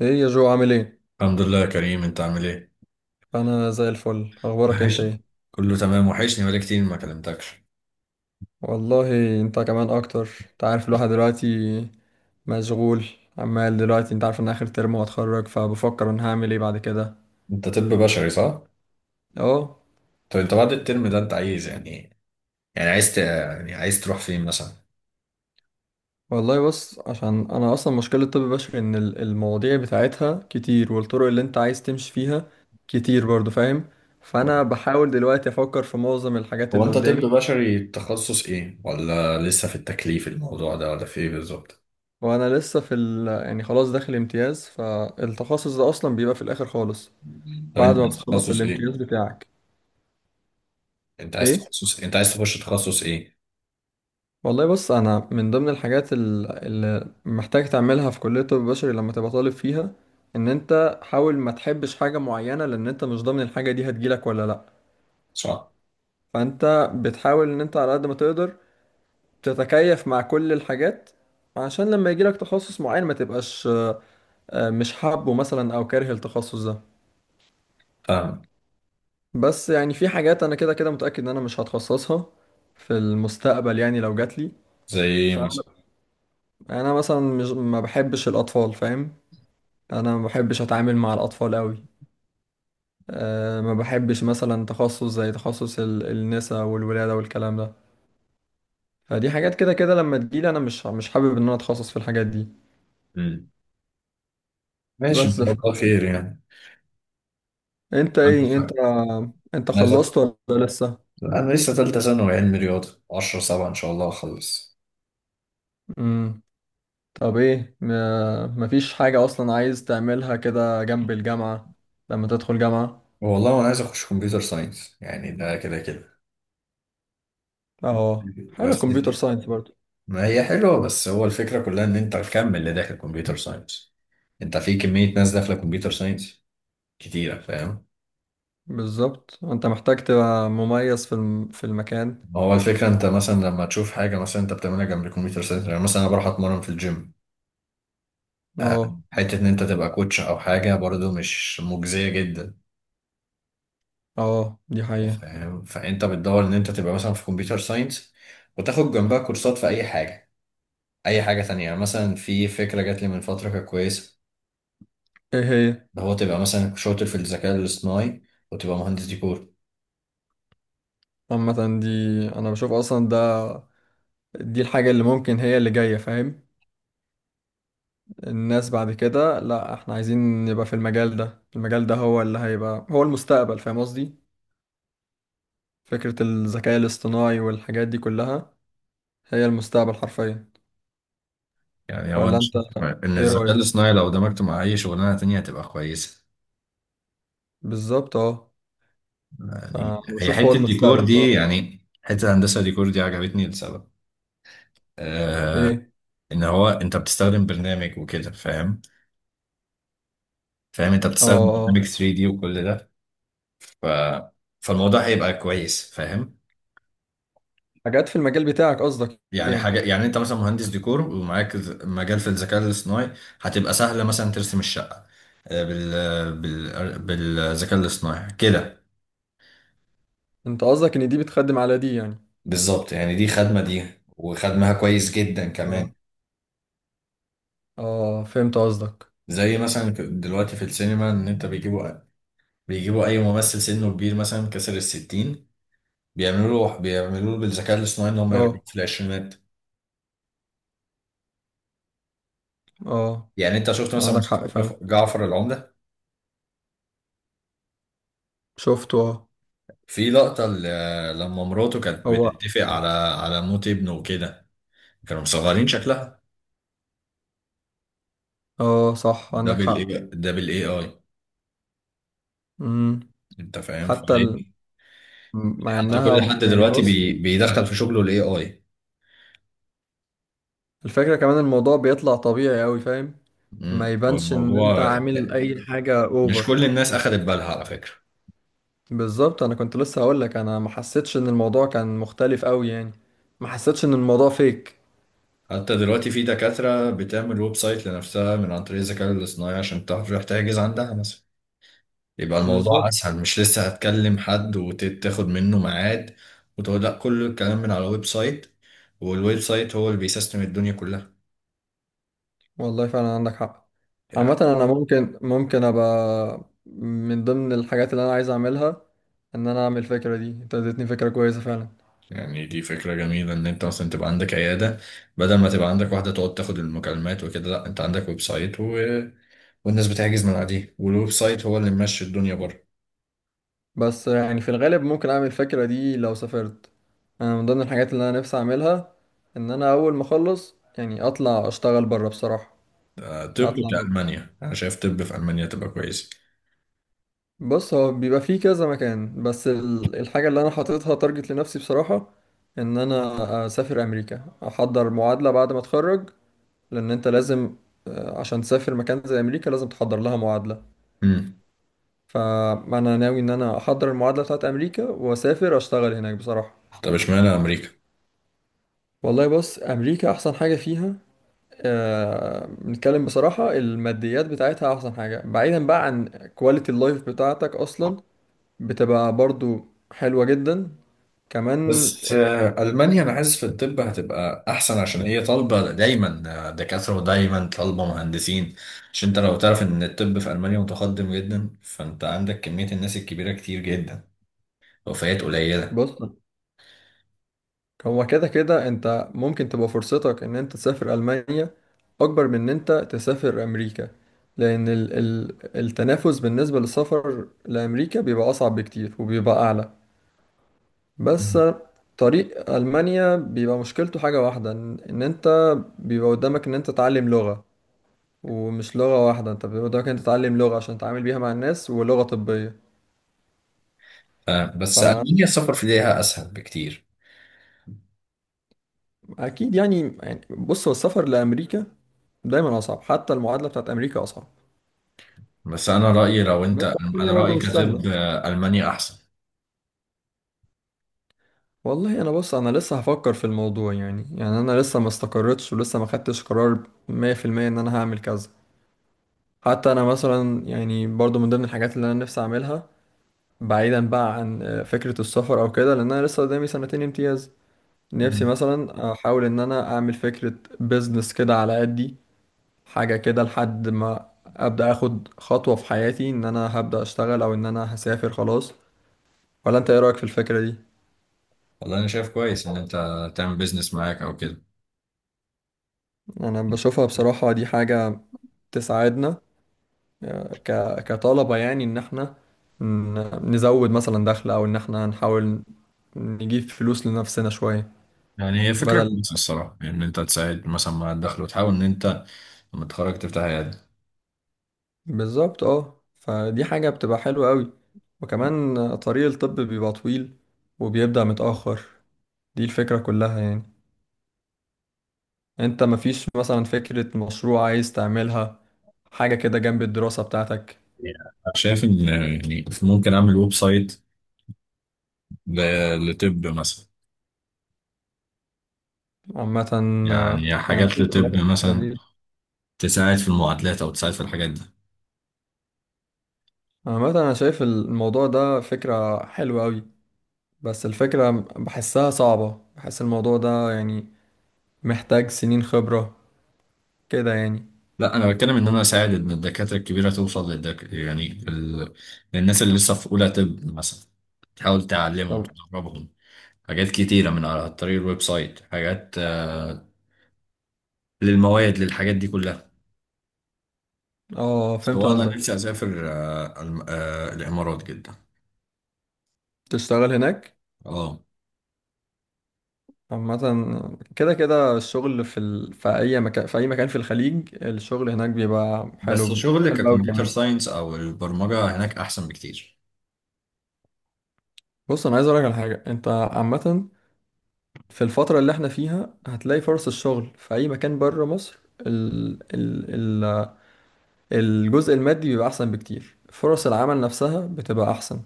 ايه يا جو، عامل ايه؟ الحمد لله يا كريم، انت عامل ايه؟ انا زي الفل، اخبارك انت وحشني. ايه؟ كله تمام، وحشني بقالي كتير ما كلمتكش. والله انت كمان اكتر، انت عارف الواحد دلوقتي مشغول. عمال دلوقتي، انت عارف ان اخر ترم وهتخرج، فبفكر انا هعمل ايه بعد كده. انت طب بشري، صح؟ اه. طب انت بعد الترم ده انت عايز يعني ايه؟ يعني يعني عايز تروح فين مثلا؟ والله بص، عشان انا اصلا مشكلة طب بشري ان المواضيع بتاعتها كتير، والطرق اللي انت عايز تمشي فيها كتير برضو، فاهم؟ فانا بحاول دلوقتي افكر في معظم الحاجات هو اللي انت طب قدامي. بشري تخصص ايه؟ ولا لسه في التكليف الموضوع ده، ولا في ايه بالظبط؟ وانا لسه في يعني خلاص داخل امتياز، فالتخصص ده اصلا بيبقى في الاخر خالص، طب بعد انت ما عايز بتخلص تخصص الامتياز ايه؟ بتاعك. ايه. انت عايز تخش تخصص ايه؟ والله بص، انا من ضمن الحاجات اللي محتاج تعملها في كلية الطب البشري لما تبقى طالب فيها، ان انت حاول ما تحبش حاجة معينة، لان انت مش ضامن الحاجة دي هتجيلك ولا لا. صح؟ فانت بتحاول ان انت على قد ما تقدر تتكيف مع كل الحاجات، عشان لما يجيلك تخصص معين ما تبقاش مش حابه مثلا او كاره التخصص ده. فاهم. بس يعني في حاجات انا كده كده متأكد ان انا مش هتخصصها في المستقبل، يعني لو جاتلي. زي ايه مثلا؟ يعني انا مثلا مش ما بحبش الاطفال، فاهم؟ انا ما بحبش اتعامل مع الاطفال قوي. ما بحبش مثلا تخصص زي تخصص النساء والولاده والكلام ده. فدي حاجات كده كده لما تجيلي انا مش حابب ان انا اتخصص في الحاجات دي. مم. ماشي، ان بس شاء ف... الله خير، يعني. انت عندك ايه، انت حق. انت عايز- خلصت ولا لسه؟ انا لسه تالتة ثانوي علمي رياضة 10 7، ان شاء الله اخلص. امم طب ايه، ما... مفيش حاجه اصلا عايز تعملها كده جنب الجامعه لما تدخل جامعه؟ والله انا عايز اخش كمبيوتر ساينس، يعني ده كده كده. اه حلو، بس كمبيوتر دي. ساينس برضه. ما هي حلوه، بس هو الفكره كلها ان انت تكمل اللي داخل كمبيوتر ساينس. انت في كميه ناس داخله كمبيوتر ساينس كتيره، فاهم. بالظبط، انت محتاج تبقى مميز في في المكان. هو الفكره انت مثلا لما تشوف حاجه مثلا انت بتعملها جنب الكمبيوتر ساينس، يعني مثلا انا بروح اتمرن في الجيم. آه، اه حته ان انت تبقى كوتش او حاجه برضو مش مجزيه جدا، اه، دي حقيقة. فاهم. فانت بتدور ان انت تبقى مثلا في كمبيوتر ساينس وتاخد جنبها كورسات في اي حاجه، اي حاجه تانية. يعني مثلا في فكره جات لي من فتره كانت كويسه. ايه هي؟ ده هو تبقى مثلا شاطر في الذكاء الاصطناعي وتبقى مهندس ديكور. عامة دي، انا بشوف اصلا ده دي الحاجة اللي ممكن هي اللي جاية، فاهم؟ الناس بعد كده، لا احنا عايزين نبقى في المجال ده، المجال ده هو اللي هيبقى هو المستقبل، فاهم قصدي؟ فكرة الذكاء الاصطناعي والحاجات دي كلها هي المستقبل حرفيا. يعني هو انا ولا انت، شايف ان ايه الذكاء رأيك؟ الاصطناعي لو دمجته مع اي شغلانه تانية هتبقى كويسه. بالظبط اه. فانا يعني هي بشوف هو حته الديكور المستقبل دي، بصراحة. يعني حته هندسه ديكور دي عجبتني لسبب. آه ايه. ان هو انت بتستخدم برنامج وكده، فاهم انت اه بتستخدم اه. برنامج 3D وكل ده. ف... فالموضوع هيبقى كويس، فاهم. حاجات في المجال بتاعك قصدك يعني يعني؟ حاجة، يعني انت مثلا مهندس ديكور ومعاك مجال في الذكاء الاصطناعي، هتبقى سهلة مثلا ترسم الشقة آه، بال... بالذكاء الاصطناعي كده. انت قصدك ان دي بتخدم على دي يعني؟ بالظبط، يعني دي خدمة دي، وخدمها كويس جدا كمان. اه اه، فهمت قصدك. زي مثلا دلوقتي في السينما ان انت بيجيبوا اي ممثل سنه كبير مثلا كسر الستين، بيعملوا له بالذكاء الاصطناعي ان هم يرجعوا اه في العشرينات. اه، يعني انت شفت مثلا عندك مسلسل حق فعلا. جعفر العمدة؟ شفته اه. في لقطة لما مراته كانت هو. بتتفق على موت ابنه وكده، كانوا مصغرين شكلها. اه صح، ده عندك بالاي، حق. ده بالاي اي. امم انت فاهم، حتى ال... فليه. مع حتى انها كل حد يعني دلوقتي بص، بيدخل في شغله الاي اي. الفكرة كمان الموضوع بيطلع طبيعي اوي، فاهم؟ ما يبانش ان انت الموضوع، عامل اي حاجة مش اوفر. كل الناس اخدت بالها على فكرة. بالظبط، انا كنت لسه هقولك انا ما حسيتش ان الموضوع كان مختلف اوي يعني. ما حسيتش ان الموضوع فيك. حتى دلوقتي في دكاترة بتعمل ويب سايت لنفسها من عن طريق الذكاء الاصطناعي عشان تعرف تحجز عندها مثلا. يبقى الموضوع بالظبط. اسهل، مش لسه هتكلم حد وتاخد منه ميعاد، وتقول لا كل الكلام من على ويب سايت، والويب سايت هو اللي بيسيستم الدنيا كلها، والله فعلا عندك حق. عامة يعني أنا، ممكن أبقى من ضمن الحاجات اللي أنا عايز أعملها، إن أنا أعمل الفكرة دي. أنت اديتني فكرة كويسة فعلا. يعني دي فكرة جميلة إن أنت مثلا تبقى عندك عيادة، بدل ما تبقى عندك واحدة تقعد تاخد المكالمات وكده. لأ، أنت عندك ويب سايت والناس بتحجز من عليه، والويب سايت هو اللي ممشي الدنيا بره. بس يعني في الغالب ممكن أعمل الفكرة دي لو سافرت. أنا من ضمن الحاجات اللي أنا نفسي أعملها إن أنا أول ما أخلص يعني أطلع أشتغل برا بصراحة. طب أطلع. كألمانيا أنا شايف، طب في ألمانيا تبقى كويسة. بص، هو بيبقى فيه كذا مكان، بس الحاجة اللي أنا حاططها تارجت لنفسي بصراحة إن أنا أسافر أمريكا أحضر معادلة بعد ما أتخرج. لان انت لازم، عشان تسافر مكان زي امريكا لازم تحضر لها معادله. امم فانا ناوي ان انا احضر المعادله بتاعت امريكا واسافر اشتغل هناك بصراحه. طب اشمعنى أمريكا؟ والله بص، امريكا احسن حاجه فيها، بنتكلم بصراحه، الماديات بتاعتها احسن حاجه، بعيدا بقى عن كواليتي اللايف بتاعتك اصلا، بتبقى برضو حلوه جدا كمان. بس ألمانيا أنا حاسس في الطب هتبقى أحسن، عشان هي طالبة دايما دكاترة ودايما طالبة مهندسين. عشان أنت لو تعرف إن الطب في ألمانيا متقدم جدا، فأنت عندك كمية الناس الكبيرة كتير جدا، وفيات قليلة. بص، هو كده كده انت ممكن تبقى فرصتك ان انت تسافر المانيا اكبر من ان انت تسافر امريكا، لان ال التنافس بالنسبه للسفر لامريكا بيبقى اصعب بكتير وبيبقى اعلى. بس طريق المانيا بيبقى مشكلته حاجه واحده، ان انت بيبقى قدامك ان انت تتعلم لغه، ومش لغه واحده، انت بيبقى قدامك ان انت تتعلم لغه عشان تتعامل بيها مع الناس ولغه طبيه. بس ألمانيا السفر في ليها أسهل بكتير. فاكيد يعني بص، هو السفر لامريكا دايما اصعب، حتى المعادله بتاعت امريكا اصعب. بس أنا رأيي لو أنت بس الدنيا أنا رأيي برضه مش كطب سهلة. ألمانيا أحسن. والله انا بص، انا لسه هفكر في الموضوع، يعني انا لسه ما استقرتش ولسه ما خدتش قرار 100% ان انا هعمل كذا. حتى انا مثلا يعني برضه من ضمن الحاجات اللي انا نفسي اعملها، بعيدا بقى عن فكرة السفر او كده، لان انا لسه قدامي سنتين امتياز، نفسي مم. مثلا احاول ان انا اعمل فكرة بيزنس كده على قدي، حاجة كده لحد ما ابدا اخد خطوة في حياتي ان انا هبدا اشتغل او ان انا هسافر خلاص. ولا انت، ايه رأيك في الفكرة دي؟ والله أنا شايف كويس إن أنت تعمل بيزنس معاك أو كده. انا بشوفها بصراحة دي حاجة تساعدنا، آه، ك... كطلبة، يعني ان احنا نزود مثلا دخل، او ان احنا نحاول نجيب فلوس لنفسنا شوية، يعني هي فكرة بدل. كويسة الصراحة، يعني إن أنت تساعد مثلا مع الدخل، وتحاول إن أنت لما تتخرج تفتح عيادة. بالظبط فدي حاجة بتبقى حلوة قوي. وكمان طريق الطب بيبقى طويل وبيبدأ متأخر، دي الفكرة كلها يعني. انت مفيش مثلا فكرة مشروع عايز تعملها، حاجة كده جنب الدراسة بتاعتك؟ أنا شايف إن يعني ممكن أعمل ويب سايت لطب مثلا، عامة يعني انا حاجات بشوف بصراحة لطب الفكرة مثلا، دي، تساعد في المعادلات أو تساعد في الحاجات دي. عامة أنا شايف الموضوع ده فكرة حلوة أوي، بس الفكرة بحسها صعبة، بحس الموضوع ده يعني محتاج سنين خبرة كده يعني. لا، انا بتكلم ان انا اساعد ان الدكاتره الكبيره توصل يعني للناس اللي لسه في اولى طب مثلا، تحاول تعلمهم طب تدربهم حاجات كتيره من على طريق الويب سايت، حاجات للمواد، للحاجات دي كلها. اه، فهمت سواء انا قصدك. نفسي اسافر الامارات جدا. تشتغل هناك. اه. عامة كده كده الشغل في في أي مكان، في أي مكان في الخليج الشغل هناك بيبقى بس حلو شغل حلو أوي ككمبيوتر كمان. ساينس او البرمجه هناك احسن بكتير. بص أنا عايز أقولك على حاجة أنت، عامة في الفترة اللي احنا فيها هتلاقي فرص الشغل في أي مكان بره مصر، ال... ال... الجزء المادي بيبقى أحسن بكتير، فرص العمل نفسها بتبقى أحسن،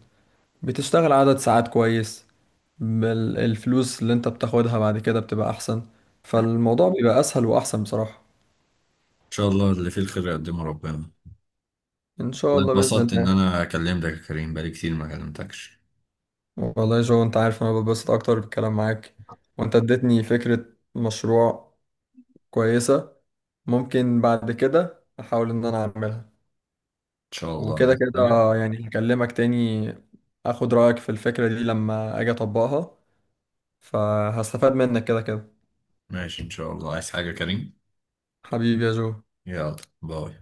بتشتغل عدد ساعات كويس، الفلوس اللي أنت بتاخدها بعد كده بتبقى أحسن، فالموضوع بيبقى أسهل وأحسن بصراحة. ان شاء الله اللي فيه الخير يقدمه ربنا. إن شاء والله الله بإذن اتبسطت ان الله. انا كلمتك يا كريم، بقالي كتير ما كلمتكش. والله يا جو، أنت عارف أنا ببسط أكتر بالكلام معاك. وأنت اديتني فكرة مشروع كويسة، ممكن بعد كده أحاول إن أنا أعملها. ان شاء الله، وكده عايز كده حاجه؟ يعني هكلمك تاني، أخد رأيك في الفكرة دي لما أجي أطبقها، فهستفاد منك كده كده. ماشي، إن شاء الله، عايز حاجة يا كريم؟ حبيبي يا جو. يلا، باي.